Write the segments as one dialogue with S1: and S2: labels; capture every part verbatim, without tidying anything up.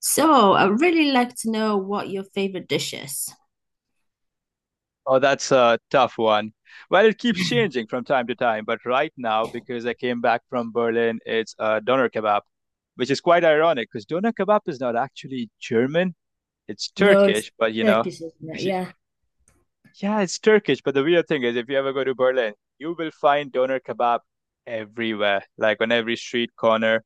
S1: So I really like to know what your favorite dish is.
S2: Oh, that's a tough one. Well, it keeps changing from time to time, but right now, because I came back from Berlin, it's uh, doner kebab, which is quite ironic because doner kebab is not actually German. It's
S1: No, it's
S2: Turkish, but you know,
S1: Turkish, isn't it?
S2: y-
S1: Yeah.
S2: yeah, it's Turkish. But the weird thing is, if you ever go to Berlin, you will find doner kebab everywhere, like on every street corner,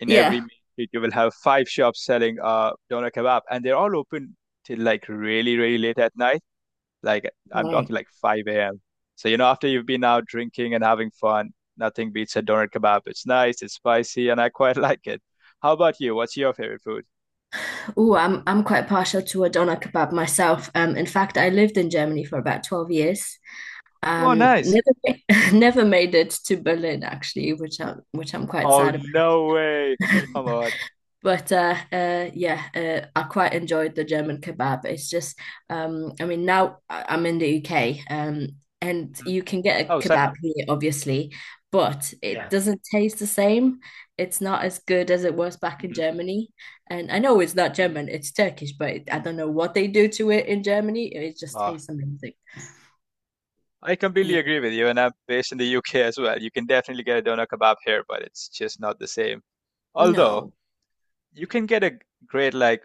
S2: in every
S1: Yeah.
S2: main street, you will have five shops selling uh doner kebab, and they're all open till like really, really late at night. Like I'm
S1: Right.
S2: talking like five a m. So you know, after you've been out drinking and having fun, nothing beats a doner kebab. It's nice, it's spicy, and I quite like it. How about you? What's your favorite food?
S1: Oh, I'm I'm quite partial to a doner kebab myself. Um, in fact, I lived in Germany for about twelve years.
S2: Oh,
S1: Um,
S2: nice.
S1: never never made it to Berlin actually, which I'm which I'm quite
S2: Oh,
S1: sad
S2: no way.
S1: about.
S2: Come on.
S1: But uh, uh, yeah, uh, I quite enjoyed the German kebab. It's just, um, I mean, now I- I'm in the U K, um, and
S2: Hmm
S1: you can get a
S2: Oh, same.
S1: kebab here, obviously, but it
S2: Yeah.
S1: doesn't taste the same. It's not as good as it was back in
S2: hmm
S1: Germany. And I know it's not
S2: hmm
S1: German, it's Turkish, but it, I
S2: hmm
S1: don't know what they do to it in Germany. It just
S2: Uh,
S1: tastes amazing.
S2: I completely
S1: Yeah.
S2: agree with you, and I'm based in the U K as well. You can definitely get a doner kebab here, but it's just not the same. Although
S1: No,
S2: you can get a great like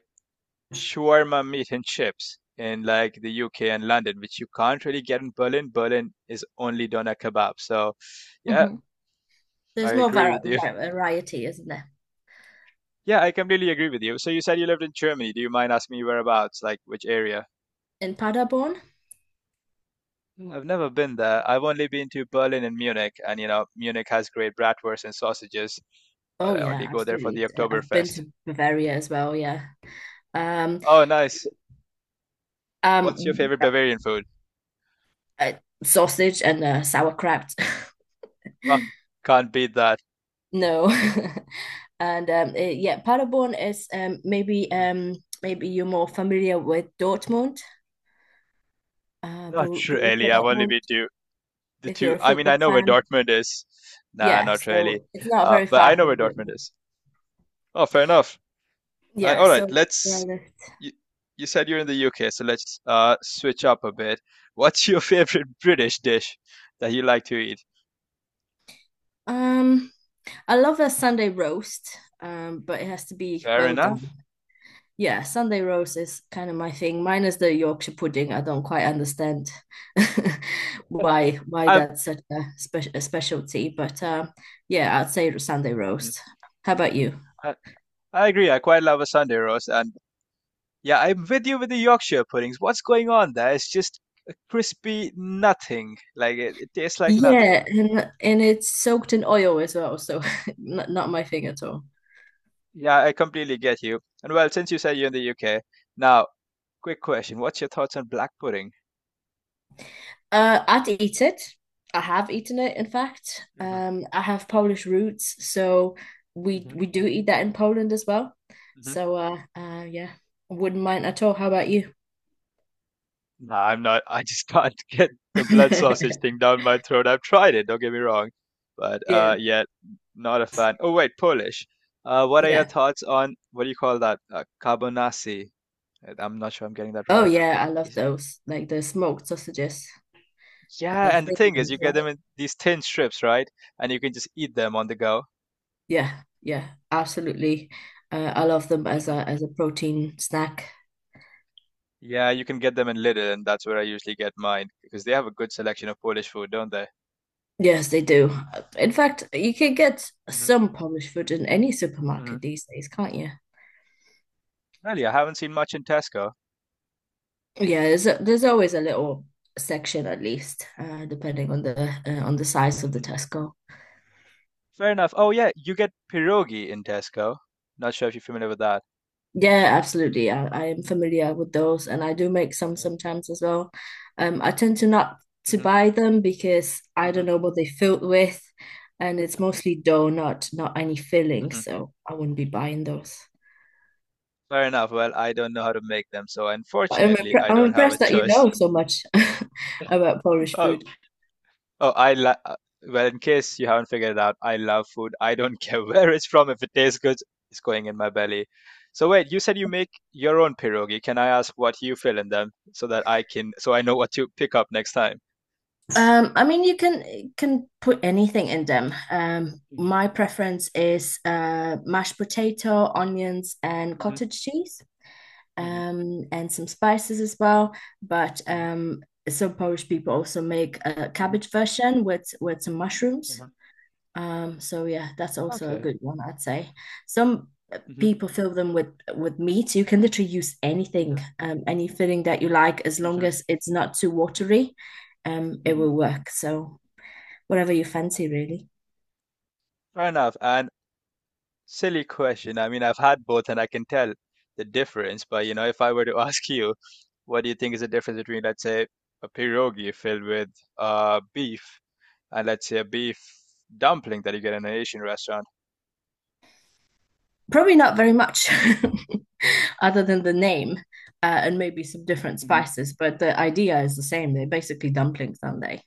S2: shawarma meat and chips in like the U K and London, which you can't really get in Berlin. Berlin is only doner kebab. So, yeah,
S1: hmm
S2: I
S1: there's more var
S2: agree with you.
S1: var variety, isn't there?
S2: Yeah, I completely agree with you. So you said you lived in Germany. Do you mind asking me whereabouts, like which area?
S1: In Paderborn?
S2: Mm, I've never been there. I've only been to Berlin and Munich, and you know, Munich has great bratwurst and sausages, but
S1: Oh
S2: I
S1: yeah,
S2: only go there for the
S1: absolutely. Uh, I've been
S2: Oktoberfest.
S1: to Bavaria as well, yeah. Um,
S2: Oh, nice. What's your
S1: um,
S2: favorite Bavarian food?
S1: uh, Sausage and uh, sauerkraut.
S2: Oh, can't beat that.
S1: No. And um, eh, yeah, Paderborn is um maybe
S2: Mhm.
S1: um maybe you're more familiar with Dortmund, uh
S2: Not
S1: Bor- Borussia
S2: really. I've only
S1: Dortmund,
S2: been to the
S1: if you're
S2: two.
S1: a
S2: I mean, I
S1: football
S2: know where
S1: fan.
S2: Dortmund is. Nah,
S1: Yeah,
S2: not really.
S1: so it's not
S2: Uh,
S1: very
S2: but
S1: far
S2: I know
S1: from
S2: where Dortmund
S1: Dortmund.
S2: is. Oh, fair enough. Uh,
S1: Yeah,
S2: all right,
S1: so that's where I
S2: let's.
S1: live.
S2: You, you said you're in the U K, so let's uh, switch up a bit. What's your favorite British dish that you like to eat?
S1: Um, I love a Sunday roast, um, but it has to be
S2: Fair
S1: well done.
S2: enough.
S1: Yeah, Sunday roast is kind of my thing. Minus the Yorkshire pudding, I don't quite understand why why
S2: I,
S1: that's such a, spe a specialty. But um, yeah, I'd say Sunday
S2: Mhm.
S1: roast. How about you?
S2: I I agree. I quite love a Sunday roast, and yeah, I'm with you with the Yorkshire puddings. What's going on there? It's just a crispy nothing. Like it, it tastes like
S1: Yeah,
S2: nothing.
S1: and and it's soaked in oil as well, so not, not my thing at all.
S2: Yeah, I completely get you. And well, since you said you're in the U K, now quick question. What's your thoughts on black pudding?
S1: Uh, I'd eat it. I have eaten it, in fact.
S2: Hmm
S1: Um, I have Polish roots, so we
S2: hmm
S1: we do eat that in Poland as well.
S2: hmm
S1: So uh, uh, yeah, wouldn't mind at all. How about you?
S2: Nah, I'm not. I just can't get the blood sausage thing down my throat. I've tried it. Don't get me wrong, but uh,
S1: Yeah,
S2: yeah, not a fan. Oh wait, Polish. Uh, what are your
S1: yeah.
S2: thoughts on what do you call that? Uh, carbonasi. Uh, I'm not sure I'm getting that
S1: Oh
S2: right.
S1: yeah, I love
S2: Is-
S1: those. Like the smoked sausages, the
S2: yeah, and the
S1: thin
S2: thing is, you
S1: ones,
S2: get them
S1: right?
S2: in these thin strips, right? And you can just eat them on the go.
S1: Yeah, yeah, absolutely. Uh, I love them as
S2: Hmm
S1: a as a protein snack.
S2: Yeah, you can get them in Lidl, and that's where I usually get mine because they have a good selection of Polish food, don't they?
S1: Yes, they do. Uh, In fact, you can get some Polish food in any
S2: Hmm
S1: supermarket these days, can't you?
S2: Really, I haven't seen much in Tesco.
S1: Yeah, there's a, there's always a little section at least, uh, depending on the uh, on the size of the
S2: Hmm
S1: Tesco.
S2: Fair enough. Oh yeah, you get pierogi in Tesco. Not sure if you're familiar with that.
S1: Yeah, absolutely. I, I am familiar with those, and I do make some sometimes as well. Um, I tend to not to
S2: Mm-hmm.
S1: buy them because I
S2: hmm
S1: don't know what they filled with, and it's mostly dough, not not any filling,
S2: hmm
S1: so I wouldn't be buying those.
S2: Fair enough. Well, I don't know how to make them, so
S1: But I'm
S2: unfortunately,
S1: impre
S2: I
S1: I'm
S2: don't have a
S1: impressed that you
S2: choice.
S1: know so much about Polish
S2: Oh,
S1: food.
S2: oh, I la uh, well, in case you haven't figured it out, I love food. I don't care where it's from. If it tastes good, it's going in my belly. So wait, you said you make your own pierogi. Can I ask what you fill in them so that I can so I know what to pick up next time?
S1: Um, I mean, you can can put anything in them. Um, my preference is uh, mashed potato, onions, and cottage cheese, um, and some spices as well. But um, some Polish people also make a cabbage version with with some mushrooms. Um, so yeah, that's also a good one, I'd say. Some people fill them with with meat. You can literally use anything, um, any filling that you like, as long as it's not too watery. Um, it will work. So whatever you fancy, really.
S2: Fair enough. And Silly question. I mean, I've had both and I can tell the difference, but you know, if I were to ask you, what do you think is the difference between, let's say, a pierogi filled with uh beef and let's say a beef dumpling that you get in an Asian restaurant?
S1: Probably not very much other than the name uh, and maybe some different spices, but the idea is the same. They're basically dumplings, aren't they?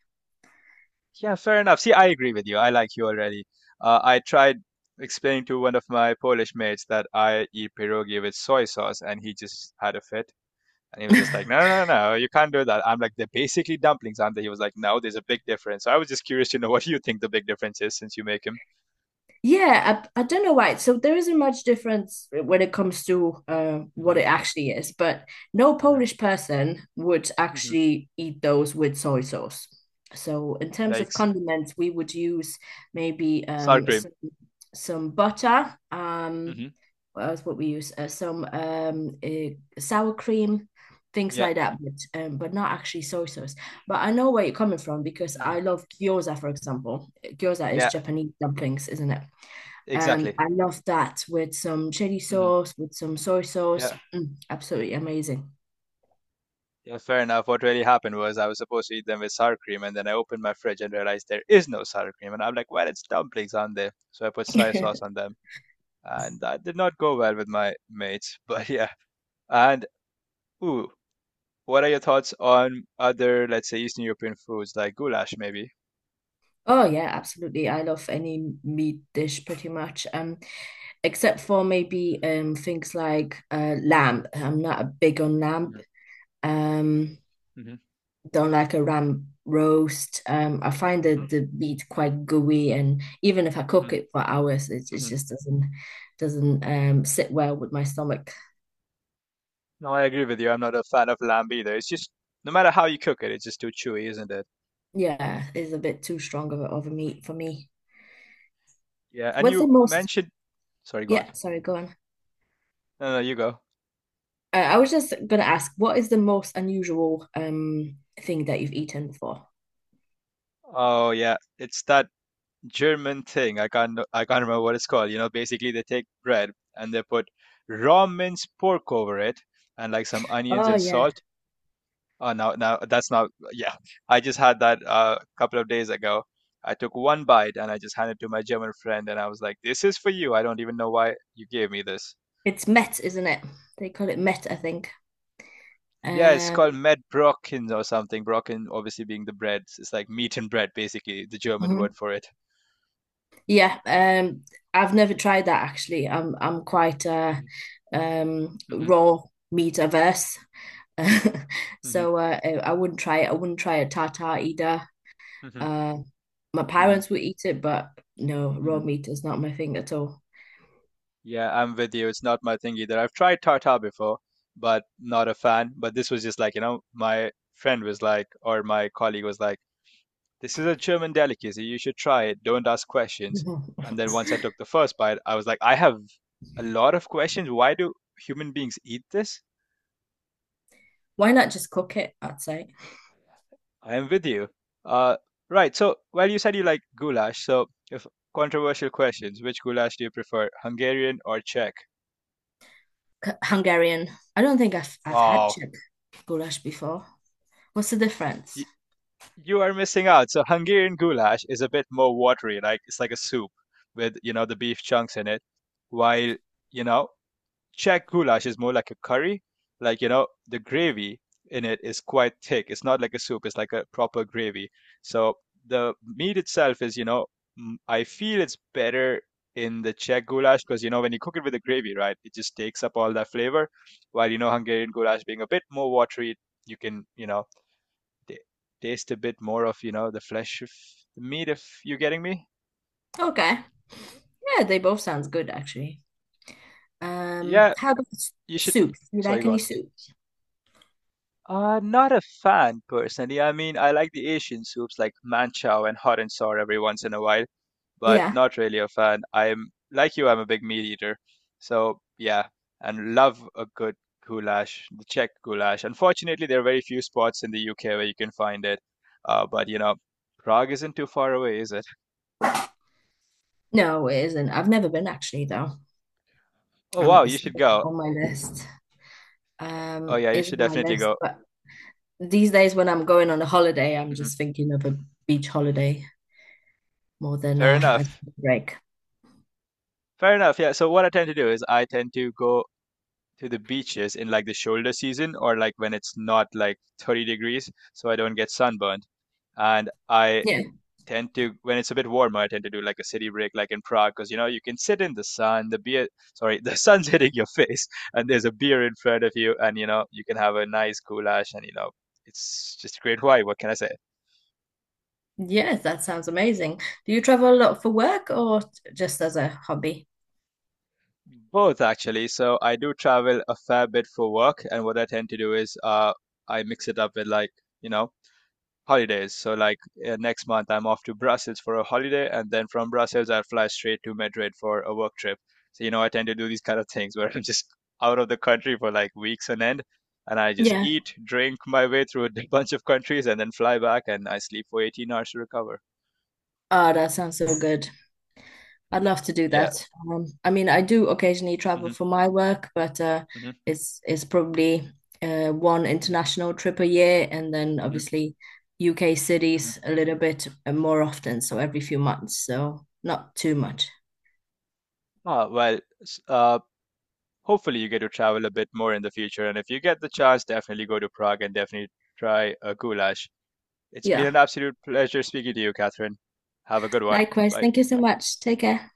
S2: Yeah, fair enough. See, I agree with you. I like you already. Uh, I tried explaining to one of my Polish mates that I eat pierogi with soy sauce and he just had a fit. And he was just like, no, no, no, no, you can't do that. I'm like, they're basically dumplings, aren't they? He was like, no, there's a big difference. So I was just curious to know what you think the big difference is since you make him.
S1: Yeah, I, I don't know why. So there isn't much difference when it comes to uh, what it actually is, but no Polish person would actually eat those with soy sauce. So in terms of
S2: Yikes.
S1: condiments, we would use maybe
S2: Sour
S1: um,
S2: cream.
S1: some, some butter. Um,
S2: Mm.
S1: what else would we use? Uh, some um, uh, Sour cream, things
S2: Yeah.
S1: like that, but um, but not actually soy sauce. But I know where you're coming from because
S2: hmm
S1: I love gyoza, for example. Gyoza is
S2: Yeah,
S1: Japanese dumplings, isn't it? Um,
S2: exactly.
S1: I love that with some chili
S2: hmm
S1: sauce, with some soy sauce.
S2: Yeah.
S1: Mm, absolutely amazing.
S2: Yeah, fair enough. What really happened was I was supposed to eat them with sour cream, and then I opened my fridge and realized there is no sour cream. And I'm like, well, it's dumplings, aren't they? So I put soy sauce on them. And that did not go well with my mates. But yeah. And, ooh, what are your thoughts on other, let's say, Eastern European foods like goulash, maybe?
S1: Oh yeah, absolutely. I love any meat dish pretty much. Um, except for maybe um things like uh lamb. I'm not a big on lamb. Um, don't like a lamb roast. Um, I find the the meat quite gooey, and even if I cook it for hours, it it just doesn't doesn't um sit well with my stomach.
S2: No, I agree with you. I'm not a fan of lamb either. It's just no matter how you cook it, it's just too chewy, isn't it?
S1: Yeah, it's a bit too strong of a, of a meat for me.
S2: Yeah, and
S1: What's the
S2: you
S1: most,
S2: mentioned, Sorry, go on.
S1: yeah, sorry, go on.
S2: No, no, you go.
S1: Uh, I was just gonna ask, what is the most unusual um thing that you've eaten before?
S2: Oh yeah, it's that German thing. I can't, I can't remember what it's called. You know, basically they take bread and they put raw minced pork over it and like some onions
S1: Oh
S2: and
S1: yeah,
S2: salt. Oh, no, no, that's not. Yeah, I just had that uh, a couple of days ago. I took one bite and I just handed it to my German friend, and I was like, "This is for you. I don't even know why you gave me this."
S1: it's met, isn't it? They call it met, I think.
S2: Yeah, it's called
S1: Um,
S2: Medbrocken or something. Brocken, obviously being the bread, it's like meat and bread, basically the German
S1: mhm.
S2: word for it.
S1: Yeah, um, I've never tried that actually. I'm I'm quite uh um raw meat averse, so uh, I I wouldn't try it. I wouldn't try a tartar either. Uh, my parents would eat it, but no, raw meat is not my thing at all.
S2: Yeah, I'm with you. It's not my thing either. I've tried tartar before, but not a fan. But this was just like, you know, my friend was like, or my colleague was like, this is a German delicacy. You should try it. Don't ask questions.
S1: No.
S2: And then once I took the first bite, I was like, I have a lot of questions. Why do human beings eat this?
S1: Why not just cook it? I'd say
S2: I am with you. Uh, right. So, well, you said you like goulash. So, if controversial questions, which goulash do you prefer, Hungarian or Czech?
S1: C- Hungarian. I don't think I've I've had
S2: Oh,
S1: Czech goulash before. What's the difference?
S2: you, you are missing out. So, Hungarian goulash is a bit more watery. Like it's like a soup with you know the beef chunks in it, while you know Czech goulash is more like a curry. Like, you know, the gravy in it is quite thick. It's not like a soup, it's like a proper gravy. So the meat itself is, you know, mm, I feel it's better in the Czech goulash because, you know, when you cook it with the gravy, right, it just takes up all that flavor. While, you know, Hungarian goulash being a bit more watery, you can, you know, t- taste a bit more of, you know, the flesh of the meat, if you're getting me.
S1: Okay, yeah, they both sounds good actually. Um,
S2: Yeah,
S1: how about s-
S2: you should.
S1: soups? Do you
S2: Sorry,
S1: like
S2: go
S1: any
S2: on.
S1: soup?
S2: Uh, not a fan personally. I mean, I like the Asian soups like manchow and hot and sour every once in a while, but
S1: Yeah.
S2: not really a fan. I'm like you, I'm a big meat eater. So, yeah, and love a good goulash, the Czech goulash. Unfortunately, there are very few spots in the U K where you can find it. Uh, but you know, Prague isn't too far away, is it?
S1: No, it isn't. I've never been actually though.
S2: Oh,
S1: Um,
S2: wow,
S1: it's
S2: you should
S1: still
S2: go.
S1: on my list.
S2: Oh,
S1: Um,
S2: yeah, you
S1: it's
S2: should
S1: on my
S2: definitely
S1: list,
S2: go.
S1: but these days when I'm going on a holiday, I'm
S2: Hmm
S1: just thinking of a beach holiday more than
S2: Fair
S1: a, a
S2: enough.
S1: break.
S2: Fair enough. Yeah. So what I tend to do is I tend to go to the beaches in like the shoulder season or like when it's not like thirty degrees so I don't get sunburned. And I
S1: Yeah.
S2: tend to when it's a bit warmer, I tend to do like a city break like in Prague because you know you can sit in the sun, the beer sorry, the sun's hitting your face and there's a beer in front of you and you know you can have a nice goulash and you know it's just a great wine. What can I say?
S1: Yes, that sounds amazing. Do you travel a lot for work or just as a hobby?
S2: Both actually. So I do travel a fair bit for work and what I tend to do is uh I mix it up with like you know holidays. So like uh, next month I'm off to Brussels for a holiday, and then from Brussels I fly straight to Madrid for a work trip. So you know I tend to do these kind of things where I'm just out of the country for like weeks on end, and I just
S1: Yeah.
S2: eat, drink my way through a bunch of countries, and then fly back, and I sleep for eighteen hours to recover.
S1: Oh, that sounds so good. I'd love to do
S2: Yeah.
S1: that. Um, I mean, I do occasionally travel for my work, but uh, it's it's probably uh, one international trip a year, and then obviously U K cities a little bit uh, more often, so every few months, so not too much.
S2: Ah, well, s- uh, Hopefully you get to travel a bit more in the future, and if you get the chance, definitely go to Prague and definitely try a goulash. It's been
S1: Yeah.
S2: an absolute pleasure speaking to you, Catherine. Have a good one.
S1: Likewise.
S2: Bye.
S1: Thank you so much. Take care.